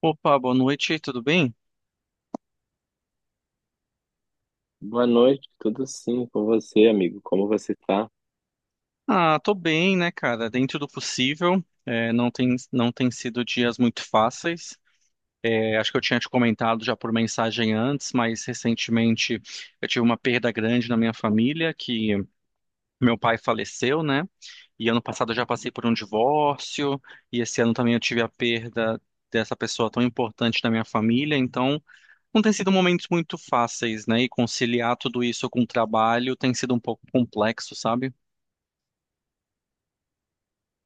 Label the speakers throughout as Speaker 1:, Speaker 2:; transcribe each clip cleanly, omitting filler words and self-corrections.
Speaker 1: Opa, boa noite, tudo bem?
Speaker 2: Boa noite, tudo sim com você, amigo? Como você tá?
Speaker 1: Ah, tô bem, né, cara? Dentro do possível. É, não tem sido dias muito fáceis. É, acho que eu tinha te comentado já por mensagem antes, mas recentemente eu tive uma perda grande na minha família, que meu pai faleceu, né? E ano passado eu já passei por um divórcio, e esse ano também eu tive a perda dessa pessoa tão importante na minha família, então não tem sido momentos muito fáceis, né? E conciliar tudo isso com o trabalho tem sido um pouco complexo, sabe?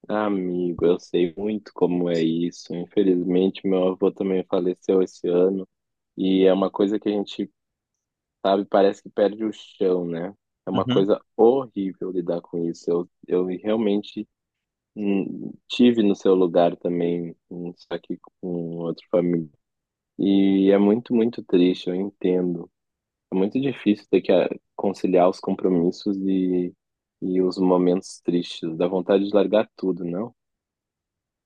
Speaker 2: Ah, amigo, eu sei muito como é isso. Infelizmente, meu avô também faleceu esse ano e é uma coisa que a gente, sabe, parece que perde o chão, né? É uma
Speaker 1: Uhum.
Speaker 2: coisa horrível lidar com isso. Eu realmente tive no seu lugar também, só que com outro família. E é muito, muito triste, eu entendo. É muito difícil ter que conciliar os compromissos e os momentos tristes. Dá vontade de largar tudo, não?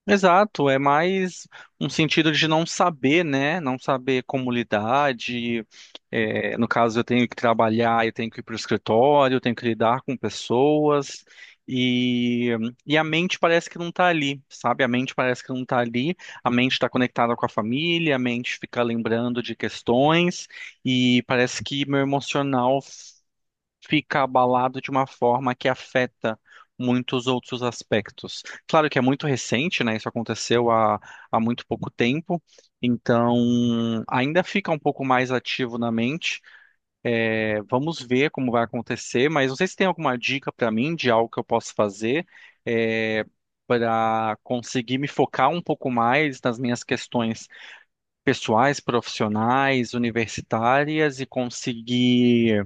Speaker 1: Exato, é mais um sentido de não saber, né? Não saber como lidar, no caso, eu tenho que trabalhar, eu tenho que ir para o escritório, eu tenho que lidar com pessoas, e, e a mente parece que não está ali, sabe? A mente parece que não está ali, a mente está conectada com a família, a mente fica lembrando de questões, e parece que meu emocional fica abalado de uma forma que afeta muitos outros aspectos. Claro que é muito recente, né? Isso aconteceu há muito pouco tempo, então ainda fica um pouco mais ativo na mente. É, vamos ver como vai acontecer, mas não sei se tem alguma dica para mim de algo que eu posso fazer. É, Para conseguir me focar um pouco mais nas minhas questões pessoais, profissionais, universitárias e conseguir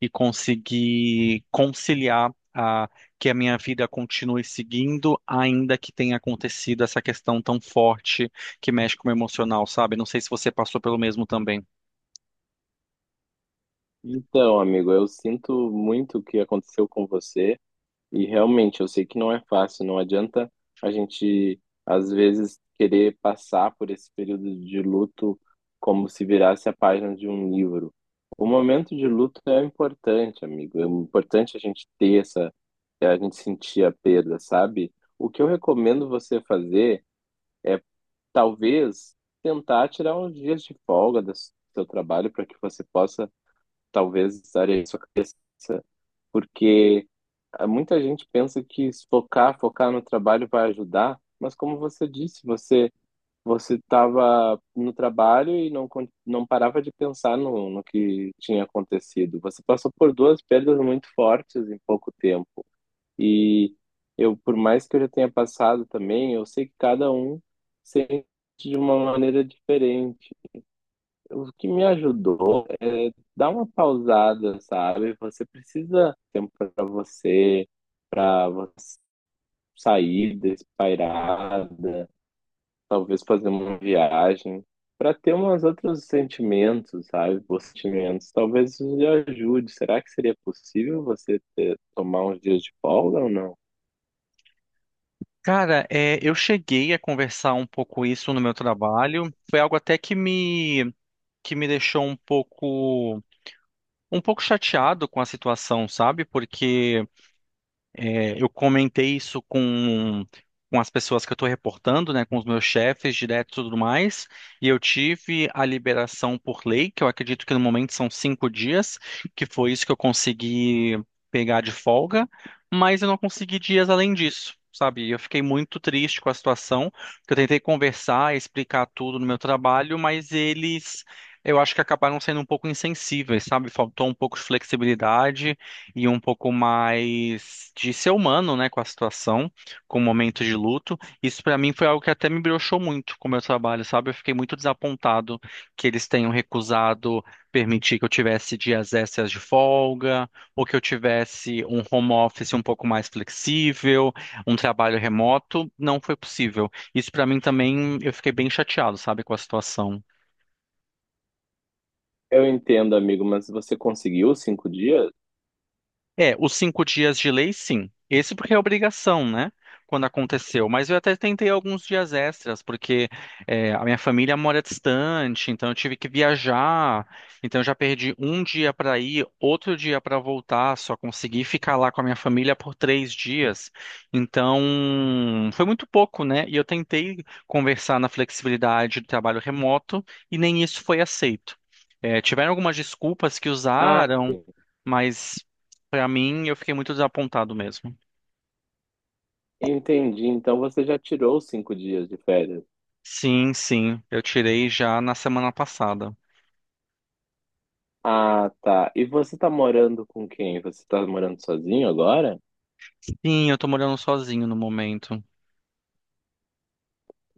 Speaker 1: e conseguir conciliar que a minha vida continue seguindo, ainda que tenha acontecido essa questão tão forte que mexe com o emocional, sabe? Não sei se você passou pelo mesmo também.
Speaker 2: Então, amigo, eu sinto muito o que aconteceu com você. E realmente, eu sei que não é fácil, não adianta a gente, às vezes, querer passar por esse período de luto como se virasse a página de um livro. O momento de luto é importante, amigo. É importante a gente ter essa, a gente sentir a perda, sabe? O que eu recomendo você fazer é, talvez, tentar tirar uns dias de folga do seu trabalho para que você possa, talvez, estar aí sua cabeça, porque muita gente pensa que se focar no trabalho vai ajudar, mas como você disse, você estava no trabalho e não parava de pensar no que tinha acontecido. Você passou por duas perdas muito fortes em pouco tempo. E eu, por mais que eu já tenha passado também, eu sei que cada um sente de uma maneira diferente. O que me ajudou é dar uma pausada, sabe? Você precisa de tempo para você sair despairada, talvez fazer uma viagem, para ter umas outros sentimentos, sabe? Bons sentimentos. Talvez isso lhe ajude. Será que seria possível você tomar uns dias de folga ou não?
Speaker 1: Cara, eu cheguei a conversar um pouco isso no meu trabalho. Foi algo até que me deixou um pouco chateado com a situação, sabe? Porque eu comentei isso com as pessoas que eu estou reportando, né, com os meus chefes direto e tudo mais, e eu tive a liberação por lei, que eu acredito que no momento são 5 dias, que foi isso que eu consegui pegar de folga, mas eu não consegui dias além disso. Sabe, eu fiquei muito triste com a situação, porque eu tentei conversar, explicar tudo no meu trabalho, mas eles, eu acho que acabaram sendo um pouco insensíveis, sabe? Faltou um pouco de flexibilidade, e um pouco mais de ser humano, né, com a situação, com o momento de luto. Isso pra mim foi algo que até me broxou muito com o meu trabalho, sabe? Eu fiquei muito desapontado que eles tenham recusado permitir que eu tivesse dias extras de folga, ou que eu tivesse um home office um pouco mais flexível, um trabalho remoto. Não foi possível. Isso pra mim também, eu fiquei bem chateado, sabe, com a situação.
Speaker 2: Eu entendo, amigo, mas você conseguiu 5 dias?
Speaker 1: É, os 5 dias de lei, sim. Esse porque é obrigação, né? Quando aconteceu. Mas eu até tentei alguns dias extras, porque a minha família mora distante, então eu tive que viajar. Então eu já perdi um dia para ir, outro dia para voltar. Só consegui ficar lá com a minha família por 3 dias. Então foi muito pouco, né? E eu tentei conversar na flexibilidade do trabalho remoto e nem isso foi aceito. É, tiveram algumas desculpas que
Speaker 2: Ah,
Speaker 1: usaram. Mas pra mim eu fiquei muito desapontado mesmo.
Speaker 2: entendi. Então você já tirou os 5 dias de férias.
Speaker 1: Sim, sim, eu tirei já na semana passada.
Speaker 2: Ah, tá. E você tá morando com quem? Você tá morando sozinho agora?
Speaker 1: Sim, eu tô morando sozinho no momento.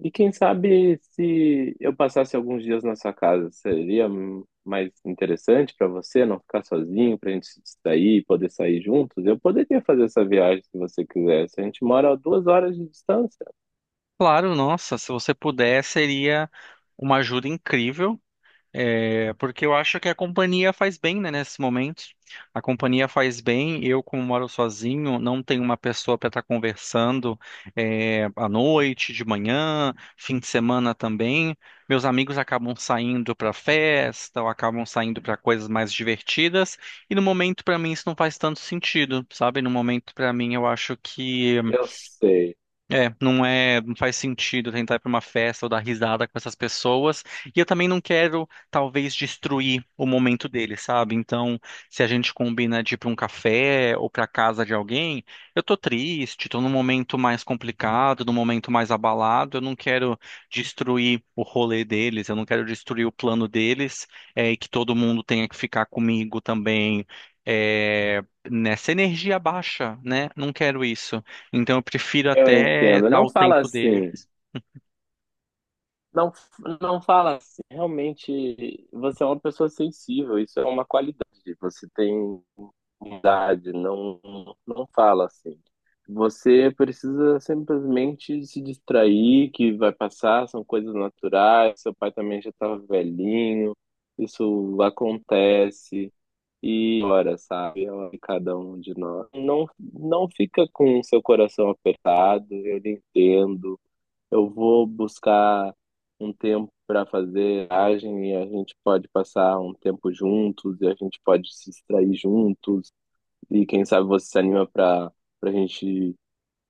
Speaker 2: E quem sabe se eu passasse alguns dias na sua casa, seria mais interessante pra você não ficar sozinho, pra gente se distrair, e poder sair juntos? Eu poderia fazer essa viagem se você quisesse. A gente mora a 2 horas de distância.
Speaker 1: Claro, nossa, se você puder, seria uma ajuda incrível. É, porque eu acho que a companhia faz bem, né, nesse momento. A companhia faz bem. Eu, como moro sozinho, não tenho uma pessoa para estar conversando à noite, de manhã, fim de semana também. Meus amigos acabam saindo para festa ou acabam saindo para coisas mais divertidas. E no momento, para mim, isso não faz tanto sentido, sabe? No momento, para mim, eu acho que
Speaker 2: Eu sei,
Speaker 1: não faz sentido tentar ir para uma festa ou dar risada com essas pessoas. E eu também não quero, talvez, destruir o momento deles, sabe? Então, se a gente combina de ir para um café ou para casa de alguém, eu tô triste, tô num momento mais complicado, num momento mais abalado, eu não quero destruir o rolê deles, eu não quero destruir o plano deles, e que todo mundo tenha que ficar comigo também, é, nessa energia baixa, né? Não quero isso. Então eu prefiro
Speaker 2: eu
Speaker 1: até
Speaker 2: entendo.
Speaker 1: dar
Speaker 2: Não
Speaker 1: o
Speaker 2: fala
Speaker 1: tempo dele.
Speaker 2: assim. Não, não fala assim. Realmente, você é uma pessoa sensível. Isso é uma qualidade. Você tem idade não, não fala assim. Você precisa simplesmente se distrair, que vai passar, são coisas naturais, seu pai também já estava velhinho, isso acontece. E ora, sabe, ela e cada um de nós. Não, não fica com o seu coração apertado, eu lhe entendo. Eu vou buscar um tempo para fazer viagem e a gente pode passar um tempo juntos e a gente pode se distrair juntos e quem sabe você se anima para a gente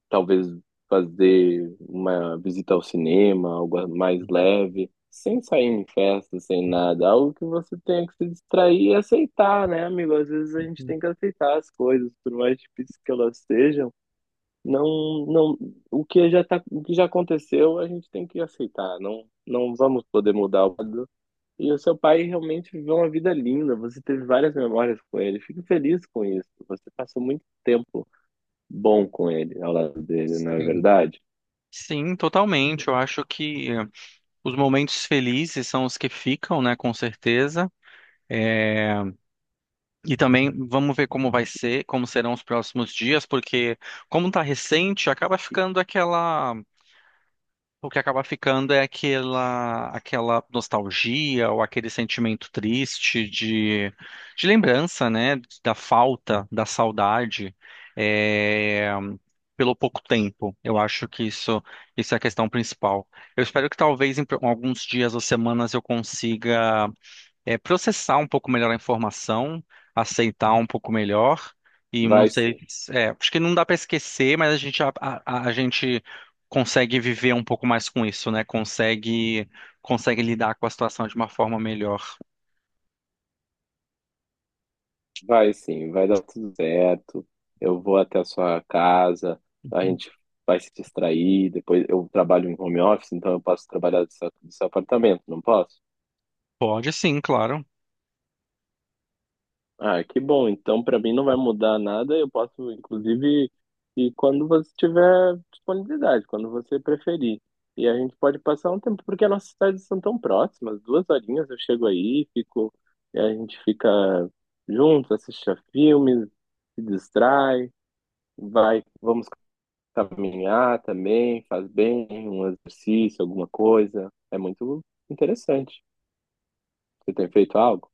Speaker 2: talvez fazer uma visita ao cinema, algo mais leve, sem sair em festa, sem nada, algo que você tenha que se distrair e aceitar, né, amigo? Às vezes a gente tem que aceitar as coisas, por mais difíceis que elas sejam. Não, não, o que já tá, o que já aconteceu, a gente tem que aceitar. Não, não vamos poder mudar o e o seu pai realmente viveu uma vida linda, você teve várias memórias com ele. Fico feliz com isso. Você passou muito tempo bom com ele, ao lado dele, não é
Speaker 1: Sim.
Speaker 2: verdade?
Speaker 1: Sim, totalmente. Eu acho que os momentos felizes são os que ficam, né, com certeza. É, E também vamos ver como vai ser, como serão os próximos dias, porque como está recente, acaba ficando aquela O que acaba ficando é aquela nostalgia ou aquele sentimento triste de lembrança, né? Da falta, da saudade, é, pelo pouco tempo. Eu acho que isso é a questão principal. Eu espero que talvez em alguns dias ou semanas eu consiga processar um pouco melhor a informação, aceitar um pouco melhor, e não
Speaker 2: Vai
Speaker 1: sei,
Speaker 2: sim,
Speaker 1: acho que não dá para esquecer, mas a gente consegue viver um pouco mais com isso, né? Consegue lidar com a situação de uma forma melhor.
Speaker 2: vai sim, vai dar tudo certo. Eu vou até a sua casa, a gente vai se distrair. Depois eu trabalho em home office, então eu posso trabalhar do seu apartamento, não posso?
Speaker 1: Pode sim, claro.
Speaker 2: Ah, que bom. Então, para mim não vai mudar nada. Eu posso, inclusive, e quando você tiver disponibilidade, quando você preferir. E a gente pode passar um tempo, porque as nossas cidades são tão próximas. Duas horinhas eu chego aí, fico, e a gente fica junto, assiste a filmes, se distrai, vai, vamos caminhar também, faz bem, um exercício, alguma coisa. É muito interessante. Você tem feito algo?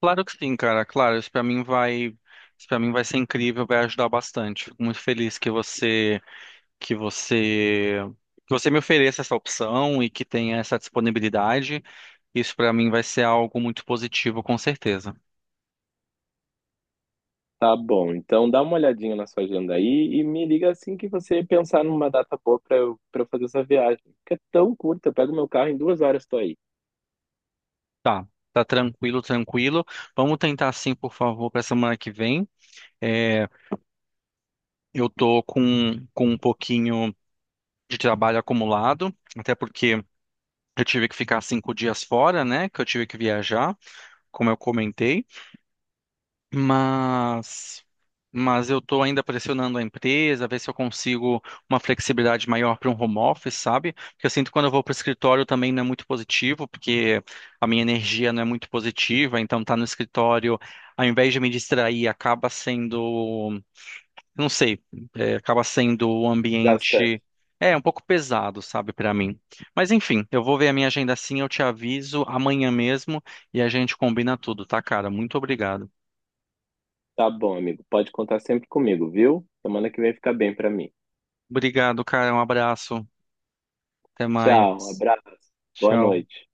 Speaker 1: Claro que sim, cara. Claro, isso para mim vai ser incrível, vai ajudar bastante. Fico muito feliz que você, que você me ofereça essa opção e que tenha essa disponibilidade. Isso pra mim vai ser algo muito positivo, com certeza.
Speaker 2: Tá bom, então dá uma olhadinha na sua agenda aí e me liga assim que você pensar numa data boa pra eu fazer essa viagem. Que é tão curta, eu pego meu carro em 2 horas, tô aí,
Speaker 1: Tá, tá tranquilo, tranquilo. Vamos tentar sim, por favor, para semana que vem. É, eu tô com um pouquinho de trabalho acumulado, até porque eu tive que ficar 5 dias fora, né? Que eu tive que viajar, como eu comentei. Mas, mas eu estou ainda pressionando a empresa, ver se eu consigo uma flexibilidade maior para um home office, sabe? Porque eu sinto que quando eu vou para o escritório também não é muito positivo, porque a minha energia não é muito positiva, então tá no escritório, ao invés de me distrair, acaba sendo, não sei, acaba sendo um
Speaker 2: gastante.
Speaker 1: ambiente, um pouco pesado, sabe, para mim. Mas enfim, eu vou ver a minha agenda assim, eu te aviso amanhã mesmo e a gente combina tudo, tá, cara? Muito obrigado.
Speaker 2: Tá bom, amigo, pode contar sempre comigo, viu? Semana que vem fica bem pra mim.
Speaker 1: Obrigado, cara. Um abraço. Até
Speaker 2: Tchau,
Speaker 1: mais.
Speaker 2: abraço, boa
Speaker 1: Tchau.
Speaker 2: noite.